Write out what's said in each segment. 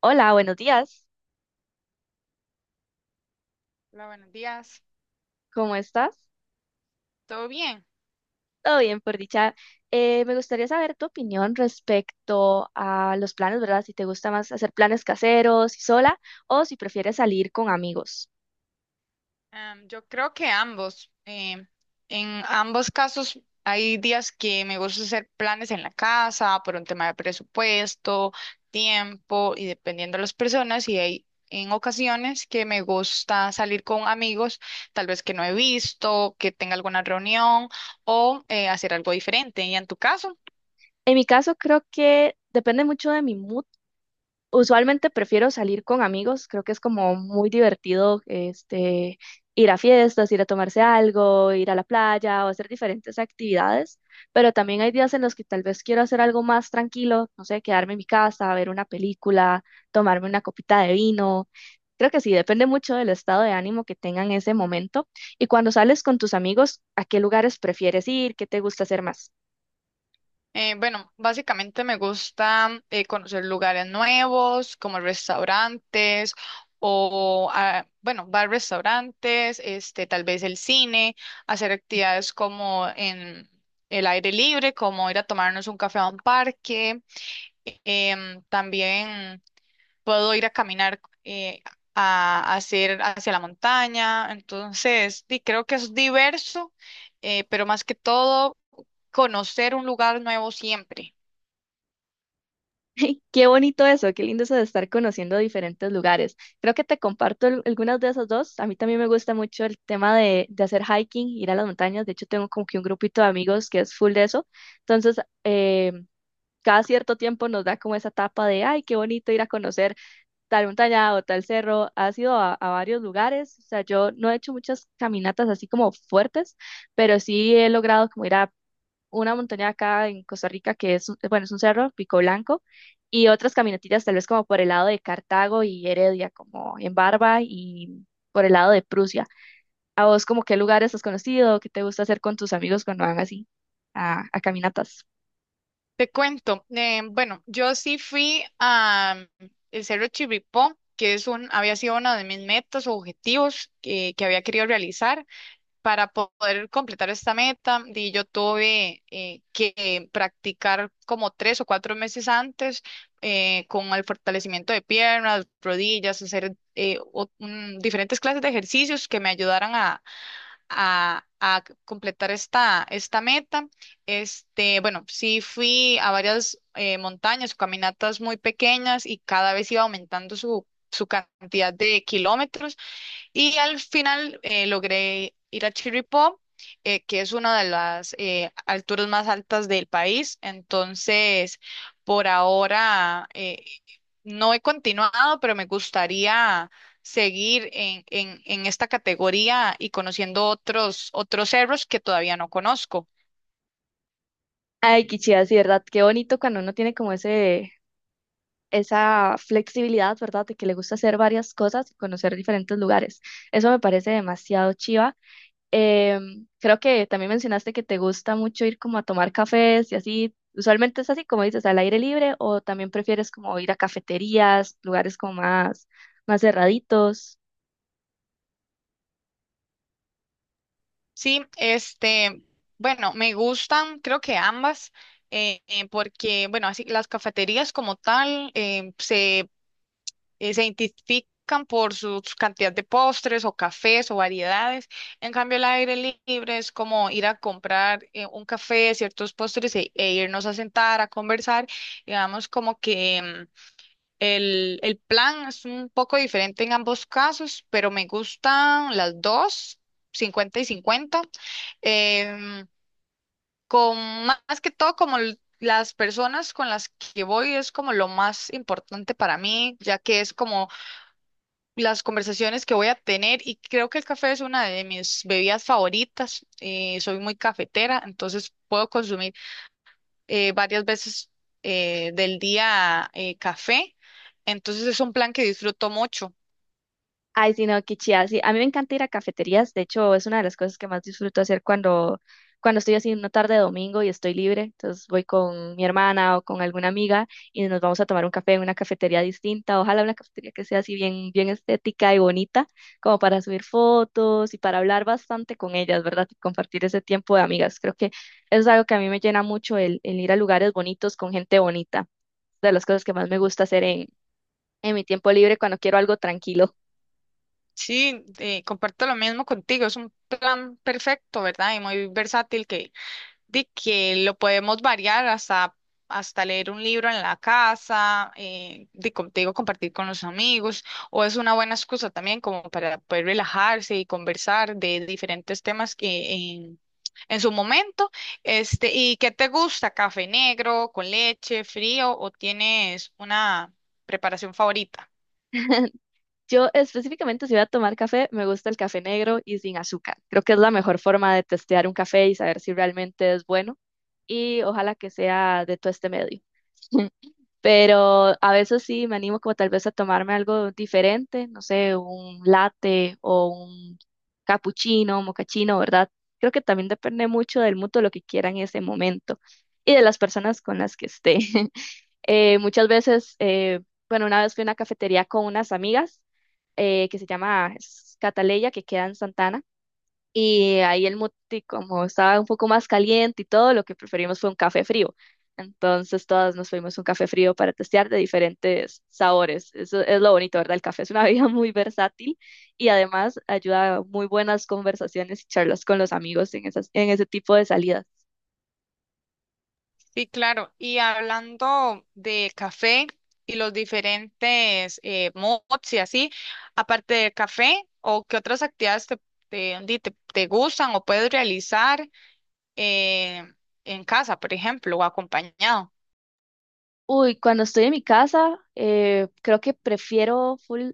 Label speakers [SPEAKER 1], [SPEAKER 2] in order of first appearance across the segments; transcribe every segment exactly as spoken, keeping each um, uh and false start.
[SPEAKER 1] Hola, buenos días.
[SPEAKER 2] Hola, buenos días.
[SPEAKER 1] ¿Cómo estás?
[SPEAKER 2] ¿Todo bien?
[SPEAKER 1] Todo bien, por dicha. Eh, me gustaría saber tu opinión respecto a los planes, ¿verdad? Si te gusta más hacer planes caseros y sola o si prefieres salir con amigos.
[SPEAKER 2] Am, yo creo que ambos. em, en ambos casos hay días que me gusta hacer planes en la casa por un tema de presupuesto, tiempo y dependiendo de las personas. Y hay en ocasiones que me gusta salir con amigos, tal vez que no he visto, que tenga alguna reunión o eh, hacer algo diferente. ¿Y en tu caso?
[SPEAKER 1] En mi caso, creo que depende mucho de mi mood. Usualmente prefiero salir con amigos, creo que es como muy divertido este, ir a fiestas, ir a tomarse algo, ir a la playa o hacer diferentes actividades, pero también hay días en los que tal vez quiero hacer algo más tranquilo, no sé, quedarme en mi casa, ver una película, tomarme una copita de vino. Creo que sí, depende mucho del estado de ánimo que tengan en ese momento. Y cuando sales con tus amigos, ¿a qué lugares prefieres ir? ¿Qué te gusta hacer más?
[SPEAKER 2] Eh, bueno, básicamente me gusta eh, conocer lugares nuevos, como restaurantes o, ah, bueno, bar restaurantes, este, tal vez el cine, hacer actividades como en el aire libre, como ir a tomarnos un café a un parque. Em, también puedo ir a caminar eh, a hacer hacia la montaña. Entonces, sí, creo que es diverso, eh, pero más que todo, conocer un lugar nuevo siempre.
[SPEAKER 1] Qué bonito eso, qué lindo eso de estar conociendo diferentes lugares. Creo que te comparto al- algunas de esas dos. A mí también me gusta mucho el tema de, de hacer hiking, ir a las montañas. De hecho, tengo como que un grupito de amigos que es full de eso. Entonces, eh, cada cierto tiempo nos da como esa etapa de, ay, qué bonito ir a conocer tal montaña o tal cerro. Has ido a, a varios lugares. O sea, yo no he hecho muchas caminatas así como fuertes, pero sí he logrado como ir a una montaña acá en Costa Rica que es, un- bueno, es un cerro, Pico Blanco, y otras caminatillas tal vez como por el lado de Cartago y Heredia, como en Barba y por el lado de Prusia. ¿A vos como qué lugares has conocido? ¿Qué te gusta hacer con tus amigos cuando van así a, a caminatas?
[SPEAKER 2] Te cuento, eh, bueno, yo sí fui a mm, el Cerro Chirripó, que es un, había sido una de mis metas o objetivos que, que había querido realizar para po- poder completar esta meta. Y yo tuve eh, que practicar como tres o cuatro meses antes, eh, con el fortalecimiento de piernas, rodillas, hacer eh, o- mm, diferentes clases de ejercicios que me ayudaran a, a completar esta, esta meta. Este, bueno, sí fui a varias eh, montañas, caminatas muy pequeñas y cada vez iba aumentando su, su cantidad de kilómetros. Y al final eh, logré ir a Chirripó, eh, que es una de las eh, alturas más altas del país. Entonces, por ahora eh, no he continuado, pero me gustaría seguir en, en, en esta categoría y conociendo otros, otros cerros que todavía no conozco.
[SPEAKER 1] Ay, qué chida, sí, ¿verdad? Qué bonito cuando uno tiene como ese, esa flexibilidad, ¿verdad? De que le gusta hacer varias cosas y conocer diferentes lugares. Eso me parece demasiado chiva. Em, creo que también mencionaste que te gusta mucho ir como a tomar cafés y así. Usualmente es así, como dices, al aire libre, o también prefieres como ir a cafeterías, lugares como más, más cerraditos.
[SPEAKER 2] Sí, este, bueno, me gustan, creo que ambas. eh, eh, porque, bueno, así las cafeterías como tal eh, se eh, se identifican por su cantidad de postres o cafés o variedades. En cambio, el aire libre es como ir a comprar eh, un café, ciertos postres e, e irnos a sentar, a conversar. Digamos como que mm, el, el plan es un poco diferente en ambos casos, pero me gustan las dos, cincuenta y cincuenta. em, con ma- más que todo como l- las personas con las que voy es como lo más importante para mí, ya que es como las conversaciones que voy a tener y creo que el café es una de mis bebidas favoritas. eh, soy muy cafetera, entonces puedo consumir eh, varias veces eh, del día eh, café. Entonces es un plan que disfruto mucho.
[SPEAKER 1] Ay, sí, no, qué chida. Sí, a mí me encanta ir a cafeterías. De hecho, es una de las cosas que más disfruto hacer cuando, cuando estoy así en una tarde de domingo y estoy libre. Entonces voy con mi hermana o con alguna amiga y nos vamos a tomar un café en una cafetería distinta. Ojalá una cafetería que sea así bien, bien estética y bonita, como para subir fotos y para hablar bastante con ellas, ¿verdad? Y compartir ese tiempo de amigas. Creo que eso es algo que a mí me llena mucho el, el ir a lugares bonitos con gente bonita. De las cosas que más me gusta hacer en, en mi tiempo libre cuando quiero algo tranquilo.
[SPEAKER 2] Sí, eh, comparto lo mismo contigo. Es un plan perfecto, ¿verdad? Y muy versátil que de que lo podemos variar hasta, hasta leer un libro en la casa, eh, de, como te digo, compartir con los amigos, o es una buena excusa también como para poder relajarse y conversar de diferentes temas que en, en su momento. Este, ¿y qué te gusta? ¿Café negro, con leche, frío o tienes una preparación favorita?
[SPEAKER 1] Yo específicamente si voy a tomar café, me gusta el café negro y sin azúcar. Creo que es la mejor forma de testear un café y saber si realmente es bueno y ojalá que sea de todo este medio. Pero a veces sí me animo como tal vez a tomarme algo diferente, no sé, un latte o un cappuccino, mocachino, ¿verdad? Creo que también depende mucho del mutuo lo que quiera en ese momento y de las personas con las que esté. Eh, muchas veces, eh, bueno, una vez fui a una cafetería con unas amigas eh, que se llama Cataleya, que queda en Santana, y ahí el muti, como estaba un poco más caliente y todo, lo que preferimos fue un café frío. Entonces todas nos fuimos un café frío para testear de diferentes sabores. Eso es lo bonito, ¿verdad? El café es una bebida muy versátil y además ayuda a muy buenas conversaciones y charlas con los amigos en esas, en ese tipo de salidas.
[SPEAKER 2] Sí, claro. Y hablando de café y los diferentes eh, mods y así, aparte del café, ¿o qué otras actividades te, te, di- te- te gustan o puedes realizar eh, en casa, por ejemplo, o acompañado?
[SPEAKER 1] Uy, cuando estoy en mi casa, eh, creo que prefiero full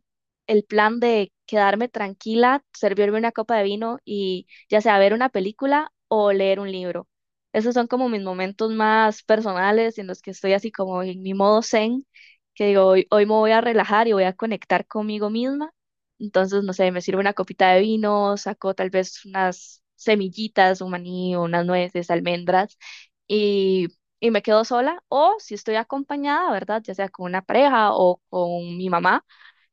[SPEAKER 1] el plan de quedarme tranquila, servirme una copa de vino y ya sea ver una película o leer un libro. Esos son como mis momentos más personales en los que estoy así como en mi modo zen, que digo, hoy, hoy me voy a relajar y voy a conectar conmigo misma. Entonces, no sé, me sirvo una copita de vino, saco tal vez unas semillitas, un maní o unas nueces, almendras y me quedo sola, o si estoy acompañada, ¿verdad? Ya sea con una pareja o con mi mamá,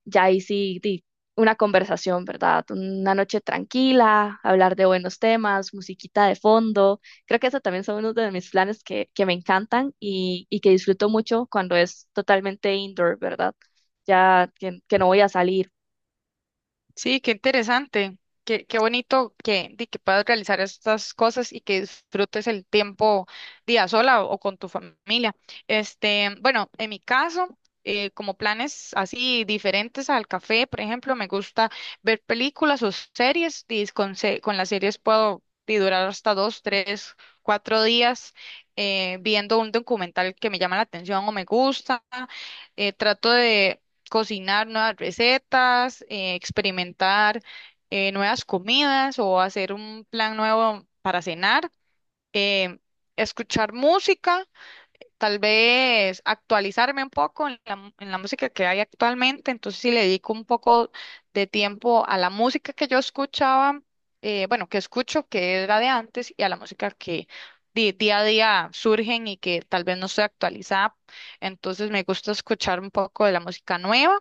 [SPEAKER 1] ya ahí sí, di una conversación, ¿verdad? Una noche tranquila, hablar de buenos temas, musiquita de fondo. Creo que eso también son uno de mis planes que, que me encantan y, y que disfruto mucho cuando es totalmente indoor, ¿verdad? Ya que, que no voy a salir.
[SPEAKER 2] Sí, qué interesante, qué, qué bonito que, di que puedas realizar estas cosas y que disfrutes el tiempo día sola o, o con tu familia. Este, bueno, en mi caso, eh, como planes así diferentes al café, por ejemplo, me gusta ver películas o series, y con, se- con las series puedo di, durar hasta dos, tres, cuatro días, eh, viendo un documental que me llama la atención o me gusta eh, trato de cocinar nuevas recetas, eh, experimentar eh, nuevas comidas o hacer un plan nuevo para cenar, eh, escuchar música. Tal vez actualizarme un poco en la, en la música que hay actualmente, entonces si le dedico un poco de tiempo a la música que yo escuchaba, eh, bueno, que escucho, que era de antes, y a la música que di- día a día surgen y que tal vez no estoy actualizada, entonces me gusta escuchar un poco de la música nueva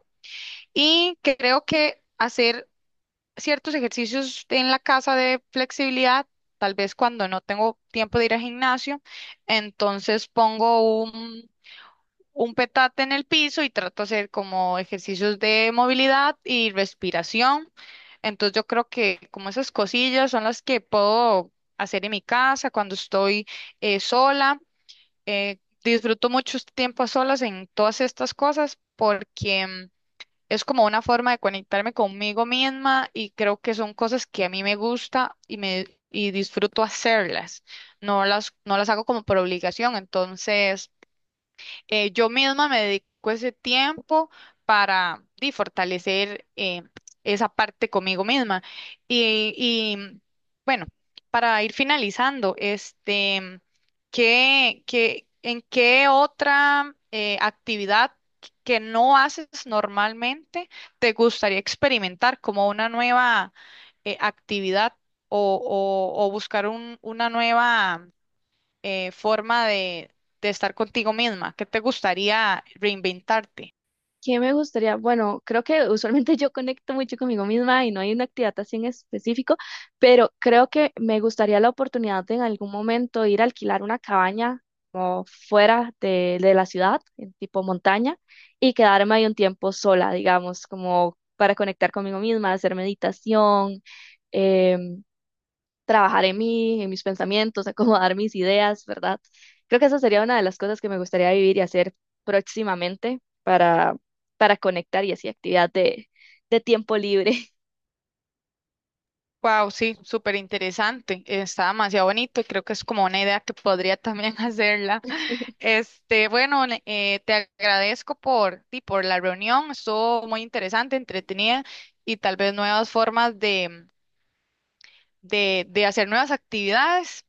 [SPEAKER 2] y creo que hacer ciertos ejercicios en la casa de flexibilidad, tal vez cuando no tengo tiempo de ir al gimnasio, entonces pongo un un petate en el piso y trato de hacer como ejercicios de movilidad y respiración. Entonces yo creo que como esas cosillas son las que puedo hacer en mi casa cuando estoy eh, sola. Eh, disfruto mucho este tiempo a solas en todas estas cosas porque mm, es como una forma de conectarme conmigo misma y creo que son cosas que a mí me gusta y me y disfruto hacerlas. No las, no las hago como por obligación. Entonces, eh, yo misma me dedico ese tiempo para di, fortalecer eh, esa parte conmigo misma. Y, y, bueno, para ir finalizando, este, ¿qué, qué- en qué otra eh, actividad que no haces normalmente te gustaría experimentar como una nueva eh, actividad o, o- o buscar un- una nueva eh, forma de, de estar contigo misma? ¿Qué te gustaría reinventarte?
[SPEAKER 1] ¿Qué me gustaría? Bueno, creo que usualmente yo conecto mucho conmigo misma y no hay una actividad así en específico, pero creo que me gustaría la oportunidad de en algún momento ir a alquilar una cabaña como fuera de, de la ciudad, en tipo montaña, y quedarme ahí un tiempo sola, digamos, como para conectar conmigo misma, hacer meditación, em, trabajar en mí, en mis pensamientos, acomodar mis ideas, ¿verdad? Creo que esa sería una de las cosas que me gustaría vivir y hacer próximamente para, para conectar y así actividad de, de tiempo libre.
[SPEAKER 2] Wow, sí, súper interesante. Está demasiado bonito y creo que es como una idea que podría también hacerla. Este, bueno, le- eh, te agradezco por ti, por la reunión. Estuvo muy interesante, entretenida y tal vez nuevas formas de, de, de hacer nuevas actividades.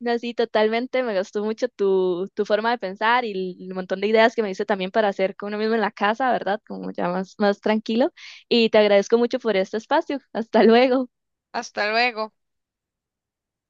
[SPEAKER 1] No, sí, totalmente, me gustó mucho tu, tu forma de pensar y el montón de ideas que me dice también para hacer con uno mismo en la casa, ¿verdad? Como ya más, más tranquilo. Y te agradezco mucho por este espacio. Hasta luego.
[SPEAKER 2] Hasta luego.